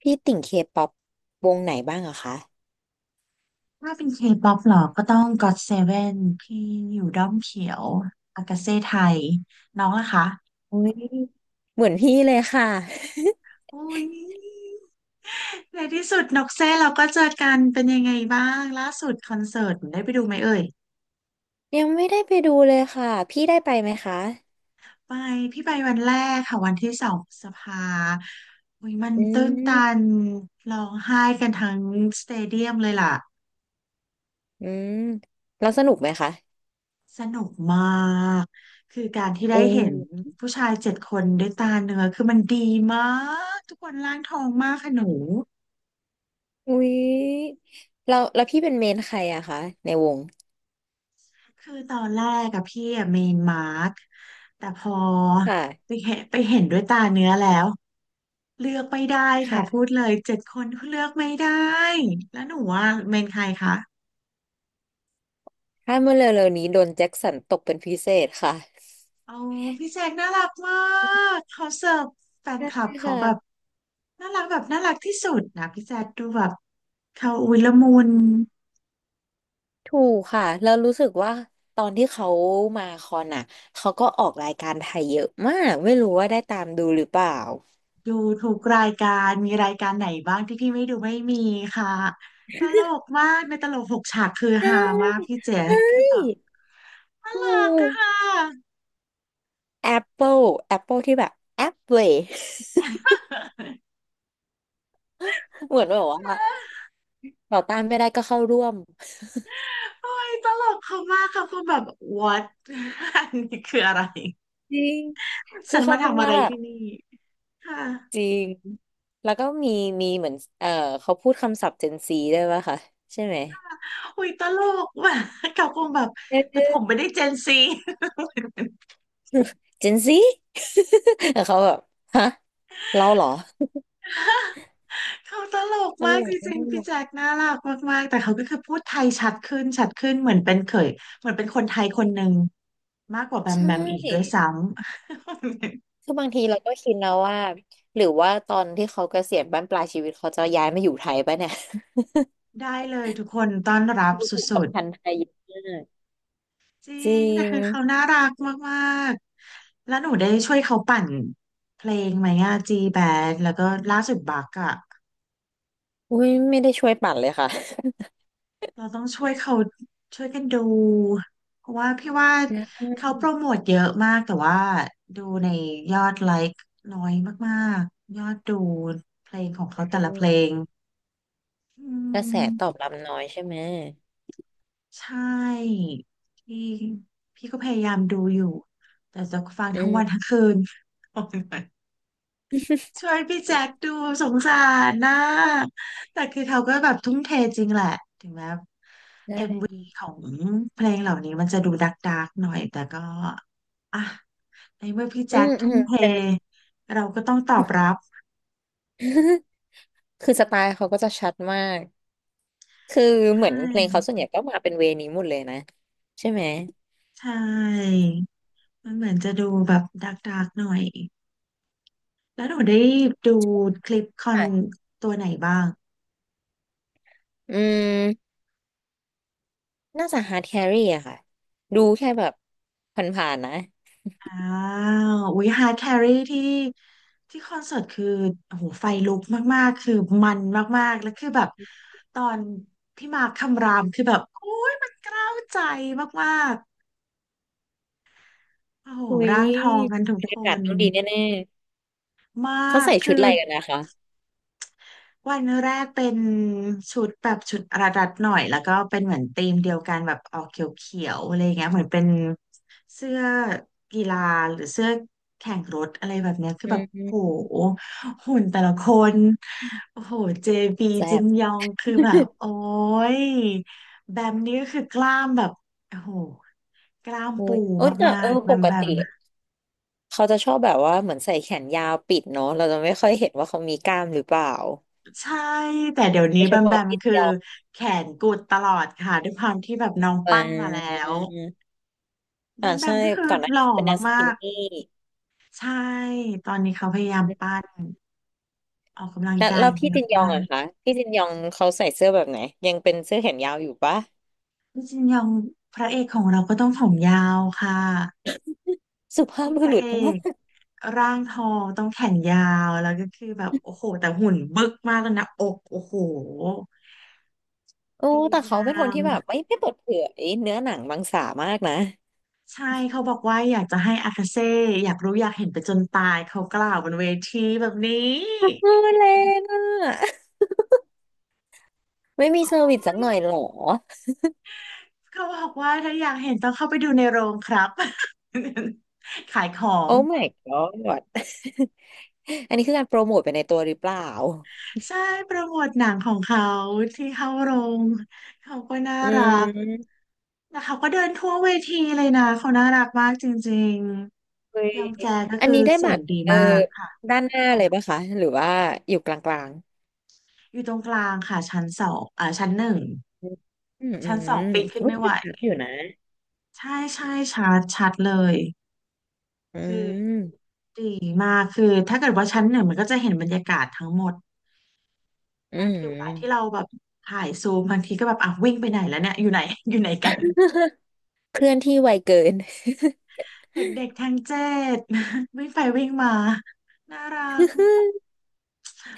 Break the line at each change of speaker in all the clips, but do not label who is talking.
พี่ติ่งเคป๊อปวงไหนบ้างอะคะ
ถ้าเป็นเคป๊อปหรอก็ต้องก็ o ตเซเว่นที่อยู่ด้อมเขียวอากาเซ่ไทยน้องล่ะคะ
โอยเหมือนพี่เลยค่ะ
อุ้ยในที่สุดนกเซ่เราก็เจอกันเป็นยังไงบ้างล่าสุดคอนเสิร์ตได้ไปดูไหมเอ่ย
ยังไม่ได้ไปดูเลยค่ะพี่ได้ไปไหมคะ
ไปพี่ไปวันแรกค่ะวันที่สองพฤษภาอุ้ยมัน
อื
ตื้นตัน
ม
ร้องไห้กันทั้งสเตเดียมเลยล่ะ
อืมแล้วสนุกไหมคะ
สนุกมากคือการที่ได้
อู้
เห็นผู้ชายเจ็ดคนด้วยตาเนื้อคือมันดีมากทุกคนร่างทองมากค่ะหนู
อุ้ยเราแล้วพี่เป็นเมนใครอะคะในวง
คือตอนแรกกับพี่อะเมนมาร์คแต่พอ
ค
ไป
่ะ
เห็นไปเห็นด้วยตาเนื้อแล้วเลือกไม่ได้ค่ะพู
ค่ะ
ดเลยเจ็ดคนเลือกไม่ได้แล้วหนูว่าเมนใครคะ
ถ้าเมื่อเร็วๆนี้โดนแจ็คสันตกเป็นพิเศษค่ะ
โอ้พี่แจคน่ารักมากเขาเสิร์ฟแฟน
ใช่
คลับเขา
ค่ะ
แบบน่ารักแบบน่ารักที่สุดนะพี่แจคดูแบบเขาอุ้ยละมุน
ถูกค่ะแล้วรู้สึกว่าตอนที่เขามาคอนอ่ะเขาก็ออกรายการไทยเยอะมากไม่รู้ว่าได้ตามดูหรือเปล่า
ดูทุกรายการมีรายการไหนบ้างที่พี่ไม่ดูไม่มีค่ะตลกมากในตลกหกฉากคือ
ใช่
ฮามากพี่เจ๊
ใช่
คือแบบน่า
ถู
รัก
ก
อะค่ะ
Apple Apple ที่แบบ Apple เหมือนแบบว่าต่อต้านไม่ได้ก็เข้าร่วม
โอ้ยตลกเขามากค่ะคือแบบ what อันนี้คืออะไร
จริง คื
ฉั
อ
น
เขา
มา
ทำ
ทำ
ห
อะ
น้า
ไร
แบบ
ที่นี่ค่ะ
จริง แล้วก็มีเหมือนเขาพูดคำศัพท์ Gen Z ด้วยป่ะคะใช่ไหม
อุ้ยตลกว่ะเขาคงแบบ
เ
แต่ผม
ออ
ไม่ได้เจนซี
Gen Z แต่เขาแบบฮะเราเหรอ
เขาตลก
ตล
มากจ
กมา
ริงๆพี่
ก
แจ็คน่ารักมากๆแต่เขาก็คือพูดไทยชัดขึ้นชัดขึ้นเหมือนเป็นเคยเหมือนเป็นคนไทยคนหนึ่งมากกว่าแบม
ใช่
แบมอีกด้วยซ้ำ
คือบางทีเราก็คิดแล้วว่าหรือว่าตอนที่เขาเกษียณบั้นปลายชีวิตเขาจะย้ายมาอยู่ไทยปะเนี่ย
ได้เลยทุกคนต้อนรับ
ดู
ส
ผูก
ุ
สัม
ด
พันธ์ไทยเยอะมาก
ๆจริ
จริ
งแต่
ง
คือเขาน่ารักมากๆแล้วหนูได้ช่วยเขาปั่นเพลงไหมอะจีแบนแล้วก็ล่าสุดบักอะ
อุ้ยไม่ได้ช่วยปั่นเลยค่ะ
เราต้องช่วยเขาช่วยกันดูเพราะว่าพี่ว่า
อื
เขาโปร
ม
โมทเยอะมากแต่ว่าดูในยอดไลค์น้อยมากๆยอดดูเพลงของเขาแต่
อื
ละเพ
ม
ลงอื
กระแสตอบ
ม
รับน้อยใช่ไหม
ใช่พี่พี่ก็พยายามดูอยู่แต่จะฟัง
อื
ทั้งวันทั้
ม
งคืน ช่วยพี่แจ็คดูสงสารนะแต่คือเขาก็แบบทุ่มเทจริงแหละถึงแม้
ใช่
ของเพลงเหล่านี้มันจะดูดักดักหน่อยแต่ก็อ่ะในเมื่อพี่
อื
แจ็ค
มอื
ทุ่
ม
มเท
เป็น
เราก็ต้องตอบรับ
คือสไตล์เขาก็จะชัดมากคือ
ใช
เหมือนเพลงเขา
่
ส่วนใหญ่ก็มาเป็นเวนี้หมดเลยนะใช่ไหม
ใช่มันเหมือนจะดูแบบดักดักหน่อยแล้วหนูได้ดูคลิปคอน
ค่ะ
ตัวไหนบ้าง
อืม น่าจะฮาร์ดแครีอะค่ะดูแค่แบบผ่านๆนะ
อ้าวอุ้ยฮาร์ดแครี่ที่ที่คอนเสิร์ตคือโอ้โหไฟลุกมากๆคือมันมากๆแล้วคือแบบตอนพี่มาร์คคำรามคือแบบโอ้ยมันเกล้าวใจมากๆ โอ้โห
อุ้ย
ร่างทองกันทุก
บรร
ค
ยากาศ
น
ต้องดีแน่
มา
ๆเขา
ก
ใส่ชุ
คื
ด
อ
อะไรกันนะคะ
วันแรกเป็นชุดแบบชุดระดัดหน่อยแล้วก็เป็นเหมือนธีมเดียวกันแบบออกเขียวๆอะไรเงี้ยเหมือนเป็นเสื้อกีฬาหรือเสื้อแข่งรถอะไรแบบเนี้ยคือ
อื
แบบโห
ม
หุ่นแต่ละคนโอ้โหเจบี
แซ่
จิ
บ
นยองคือแบบโอ้ ยแบมนี่ก็คือกล้ามแบบโอ้โหกล้าม
อุ้
ปู
ยโอ้แต่
มา
เออ
กๆแบ
ป
ม
ก
แบม
ติเขาจะชอบแบบว่าเหมือนใส่แขนยาวปิดเนาะเราจะไม่ค่อยเห็นว่าเขามีกล้ามหรือเปล่า
ใช่แต่เดี๋ยว
โด
นี้
ย
แบ
เฉ
มแบ
พาะ
ม
ที่
คือ
เดียว
แขนกุดตลอดค่ะด้วยความที่แบบน้อง
อ่
ปั้นมาแล้
า
วแบ
อ่า
มแบ
ใช่
มก็คือ
ก่อนหน้า
หล่
นี้
อ
เขาเป็นแนวส
มา
กิน
ก
นี่
ๆใช่ตอนนี้เขาพยายามปั้นออกกำลัง
แล้ว
กาย
แล้ว
เย
พี่
อะ
จินยอง
มาก
อะคะพี่จินยองเขาใส่เสื้อแบบไหนยังเป็นเสื้อแขนยาวอยู่ปะ
พี่จินยองพระเอกของเราก็ต้องผมยาวค่ะ
สุภาพ
พี่
บุ
พระ
รุ
เอ
ษม
กร่างทองต้องแขนยาวแล้วก็คือแบบโอ้โหแต่หุ่นบึกมากแล้วนะอกโอ้โห
โอ้
ดี
แต่เขา
งา
เป็นคน
ม
ที่แบบไม่เปิดเผยเนื้อหนังมังสามากนะ
ใช่เขาบอกว่าอยากจะให้อากาเซ่อยากรู้อยากเห็นไปจนตายเขากล่าวบนเวทีแบบนี้
เออแรงอ่ะ ไม่มีเซอร์วิสสักหน่อยเหรอ
เขาบอกว่าถ้าอยากเห็นต้องเข้าไปดูในโรงครับ ขายของ
โอ้ my god อันนี้คือการโปรโมทไปในตัวหรือเปล่า
ใช่โปรโมทหนังของเขาที่เข้าโรงเขาก็น่า
อื
รัก
ม
แล้วเขาก็เดินทั่วเวทีเลยนะเขาน่ารักมากจริง
เฮ้
ๆ
ย
ยองแจก็
อัน
คือ
นี้ได้
เสี
บั
ยง
ตร
ดี
เออ
มากค่ะ
ด้านหน้าเลยปะคะหรือว่าอยู่กลาง
อยู่ตรงกลางค่ะชั้นสองอ่าชั้นหนึ่ง
ๆอืมอืมอื
ชั้นสอง
ม
ปีนขึ้นไม่ไหว
อยู่นะ
ใช่ใช่ชัดชัดเลย
อื
คือ
ม
ดีมากคือถ้าเกิดว่าชั้นหนึ่งมันก็จะเห็นบรรยากาศทั้งหมด
อื
บางทีเวลาที่
ม
เราแบบถ่ายซูมบางทีก็แบบอ่ะวิ่งไปไหนแล้วเนี่ยอยู่ไหน อยู่ไหนกัน
เคลื่อนที่ไวเกิน
เด็กๆทั้งเจ็ด วิ่งไปวิ่งมาน่ารัก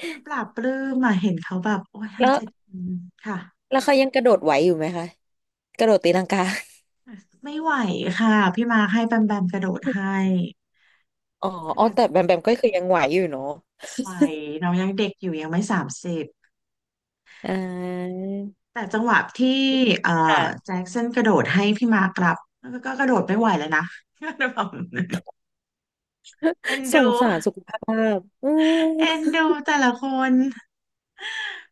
มันปลาบปลื้มมาเห็นเขาแบบโอ้ยทั้
แล้
ง
ว
เจ็ดคนค่ะ
แล้วเขายังกระโดดไหวอยู่ไหมคะกระโดดตีลังกา
ไม่ไหวค่ะพี่มาร์คให้แบมแบมกระโดดให้
อ๋อ
ข
อ๋อ
นาด
แต่แบมแบมก็คือยังไหวอยู่เนาะ
ไหวน้องยังเด็กอยู่ยังไม่30
อ่า
แต่จังหวะที่เอ่อ
ค่ะ
แจ็คสันกระโดดให้พี่มาร์กรับแล้วก็กระโดดไม่ไหวแล้วนะ แบบเอ็น
ส
ดู
งสารสุขภาพอืม
เอ็นดูแต่ละคน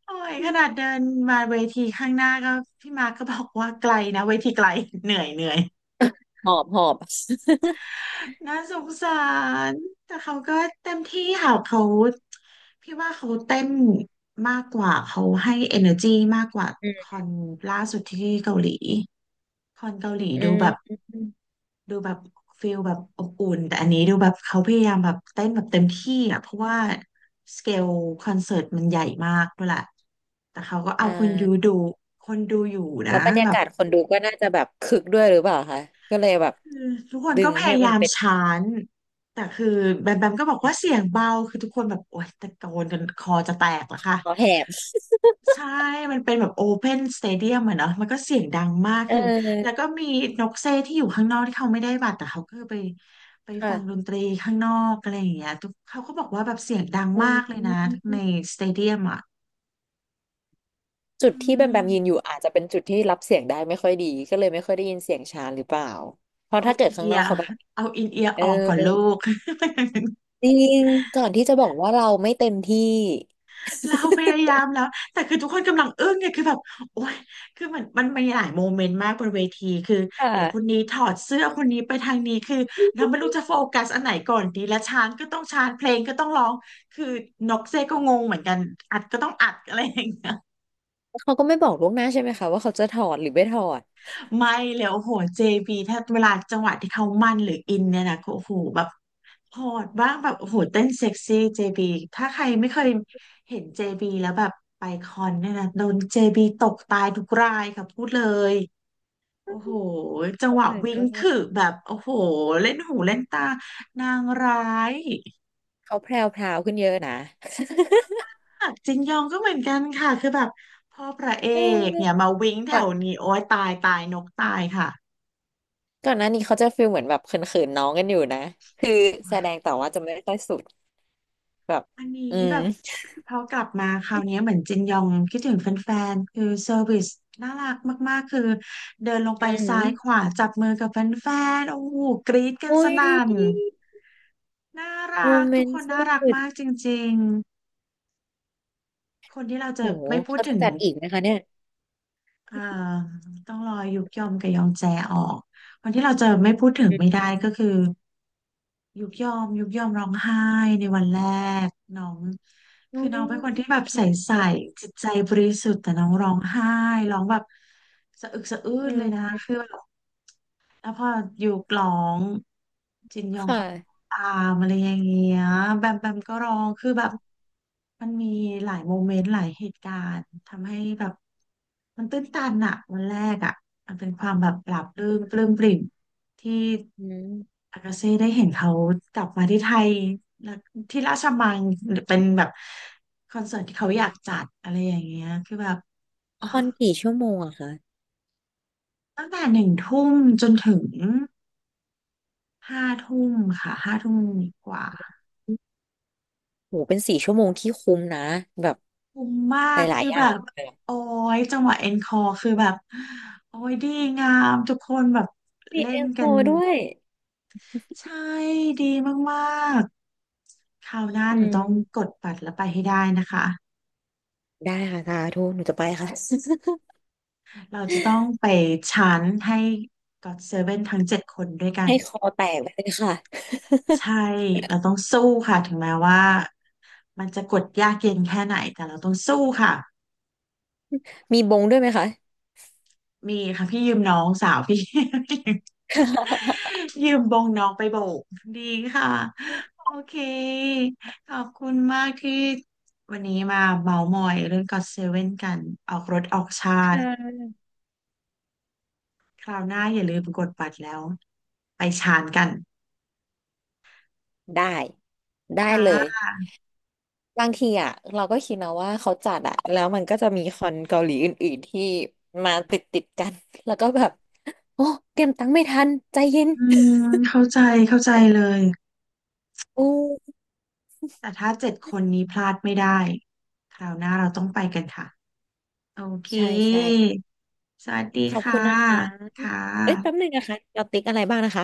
โอ้ยขนาดเดินมาเวทีข้างหน้าก็พี่มาร์กก็บอกว่าไกลนะเวทีไกลเหนื่อยเหนื่อย
หอบหอบ
น่าสงสารแต่เขาก็เต็มที่ค่ะเขาพี่ว่าเขาเต้นมากกว่าเขาให้ energy มากกว่า
อื
คอ
ม
นล่าสุดที่เกาหลีคอนเกาหลี
อื
ดู
ม
แบบ
อม
ดูแบบฟิลแบบอบอุ่นแต่อันนี้ดูแบบเขาพยายามแบบเต้นแบบเต็มที่อ่ะเพราะว่าสเกลคอนเสิร์ตมันใหญ่มากด้วยแหละแต่เขาก็
อ่
เอา
า
คนดูอยู่นะ
แล้วบรรยา
แบบ
กาศคนดูก็น่าจะแบบคึกด้วยหรือเปล่าคะ ก็เลยแบบ
คือทุกคน
ดึ
ก็
ง
พ
ให้
ยา
มัน
ยาม
เป็น
ชานแต่คือแบมแบมก็บอกว่าเสียงเบาคือทุกคนแบบโอ๊ยตะโกนกันคอจะแตกแล้วค่ะ
คอแหบ
ใช่ มันเป็นแบบโอเพนสเตเดียมอะเนาะมันก็เสียงดังมาก
เ
คือแล้ว
ออ
ก็มีนกเซที่อยู่ข้างนอกที่เขาไม่ได้บัตรแต่เขาก็ไปฟังด
ค่ะ
นตรีข้างนอกอะไรอย่างเงี้ยทุกเขาก็บอกว่าแบบเสียงดัง
อื
มา
ม
กเลยนะในสเตเดียมอะ
จุ
อื
ดที่แบมแบมยืนอ
ม
ยู่อาจจะเป็นจุดที่รับเสียงได้ไม่ค่อยดี ก็เลยไม่ค่อยได้ยินเสียงช้านหรือเปล่า เพราะ
เอา
ถ้าเกิ
อิ
ด
น
ข้าง
เอี
น
ย
อก
ร์
เขาแบบ
เอาอินเอียร์
เออ
ออกก่อนลูก
จริงก่อนที่จะบอกว่าเราไม่เต็มที่
เราพยายามแล้วแต่คือทุกคนกำลังอึ้งเนี่ยคือแบบโอ๊ยคือมันมีหลายโมเมนต์มากบนเวทีคือ
ค่
เดี๋ยวคนนี้
ะ
ถอดเสื้อคนนี้ไปทางนี้คือเราไม่รู้จะโฟกัสอันไหนก่อนดีและชานก็ต้องชานเพลงก็ต้องร้องคือนกเซก็งงเหมือนกันอัดก็ต้องอัดอะไรอย่าง
เขาก็ไม่บอกล่วงหน้าใช่ไหมคะว่าเขาจะถอดหรือไม่ถอด
ไม่เลยโอ้โหเจบีถ้าเวลาจังหวะที่เขามันหรืออินเนี่ยนะโอ้โหแบบโอดบ้างแบบโอ้โหเต้นเซ็กซี่เจบีถ้าใครไม่เคยเห็นเจบีแล้วแบบไปคอนเนี่ยนะโดนเจบีตกตายทุกรายค่ะพูดเลยโอ้โหจังหวะ
เออ
วิ่ง
ก็
คือแบบโอ้โหเล่นหูเล่นตานางร้าย
เขาแพรวพราวขึ้นเยอะนะ
หักจินยองก็เหมือนกันค่ะคือแบบพ่อพระเอ
เ
กเนี่ย
ออ
มาวิ่งแถ
ก่อน
วนี้โอ้ยตายตายนกตายค่ะ
ก่อนหน้านี้เขาจะฟีลเหมือนแบบเขินๆน้องกันอยู่นะคือแสดงแต่ว่าจะไม่ค่อยสุดแบบ
อันนี้
อืม
แบบพอกลับมาคราวนี้เหมือนจินยองคิดถึงแฟนๆคือเซอร์วิสน่ารักมากๆคือเดินลงไป
อืม
ซ้ายขวาจับมือกับแฟนๆโอ้โหกรี๊ดกัน
โอ้
ส
ย
นั่นน่า
โม
รัก
เม
ทุก
น
ค
ต์
น
ส
น่ารัก
สุด
มากจริงๆคนที่เราเจ
โห
อไม่พูด
เขา
ถึ
จะ
ง
จัดอีกไหมคะเนี่ย
เอ่อต้องรอยุกยอมกับยองแจออกคนที่เราเจอไม่พูดถึงไม่
อื
ได้
ม
ก็คือ ยุกยอมร้องไห้ในวันแรกน้อง
อ
คือน้องเป็นคนที่แบบ
อ
ใส
ท
ใสจิตใจบริสุทธิ์แต่น้องร้องไห้ร้องแบบสะอึกสะอื้
ำอื
นเล
ม
ยนะคะคือแบบ แล้วพออยู่กล้องจินยอง
ค่
ก็
ะ
ตามอะไรอย่างเงี้ยแบมแบมก็ร้องคือแบบมันมีหลายโมเมนต์หลายเหตุการณ์ทำให้แบบมันตื้นตันอะวันแรกอะมันเป็นความแบบปลาบปลื้มปริ่มที่
อืม
อากาเซ่ได้เห็นเขากลับมาที่ไทยแล้วที่ราชมังหรือเป็นแบบคอนเสิร์ตที่เขา
อื
อยาก
ม
จัดอะไรอย่างเงี้ยคือแบบอ๋อ
คอนกี่ชั่วโมงอะคะ
ตั้งแต่1 ทุ่มจนถึง ห้าทุ่มค่ะห้าทุ่มกว่า
โหเป็น4 ชั่วโมงที่คุ้มนะแบบ
คุ้มมา
ห
ก
ลาย
คือ
ๆอ
แบ
ย่าง
บโอ้ยจังหวะเอ็นคอคือแบบโอ้ยดีงามทุกคนแบบ
มี
เล่
เอ็
น
มโฟ
กัน
ด้วย
ใช่ดีมากๆคราวหน้า
อื
หนูต้องก
ม
ดบัตรแล้วไปให้ได้นะคะ
ได้ค่ะสาธุหนูจะไปค่ะ
เราจะต้องไปชั้นให้ก็อดเซเว่นทั้งเจ็ดคนด้วยกั น
ให้คอแตกไปเลยค่ะ
ใช่เราต้องสู้ค่ะถึงแม้ว่ามันจะกดยากเย็นแค่ไหนแต่เราต้องสู้ค่ะ
มีบงด้วยไหมคะ
มีค่ะพี่ยืมน้องสาวพี่ ยืมบงน้องไปโบกดีค่ะโอเคขอบคุณมากที่วันนี้มาเมามอยเรื่องก็อตเซเว่นกันออกรถออกชา
ค
ติ
่ะ
คราวหน้าอย่าลืมกดบัตรแล้วไปชานกัน
ได้ได้เลย
ค่ะ
บางทีอ่ะเราก็คิดนะว่าเขาจัดอ่ะแล้วมันก็จะมีคอนเกาหลีอื่นๆที่มาติดติดกันแล้วก็แบบโอ้เตรียมตังค์ไม่ทันใจเย็น
อืมเข้าใจเข้าใจเลย
อู้
แต่ถ้าเจ็ดคนนี้พลาดไม่ได้คราวหน้าเราต้องไปกันค่ะโอเค
ใช่ใช่
สวัสดี
ขอบ
ค่ะ
คุณนะคะ
ค่
เอ้ยแป๊บนึ
ะ
งนะคะเราติ๊กอะไรบ้างนะคะ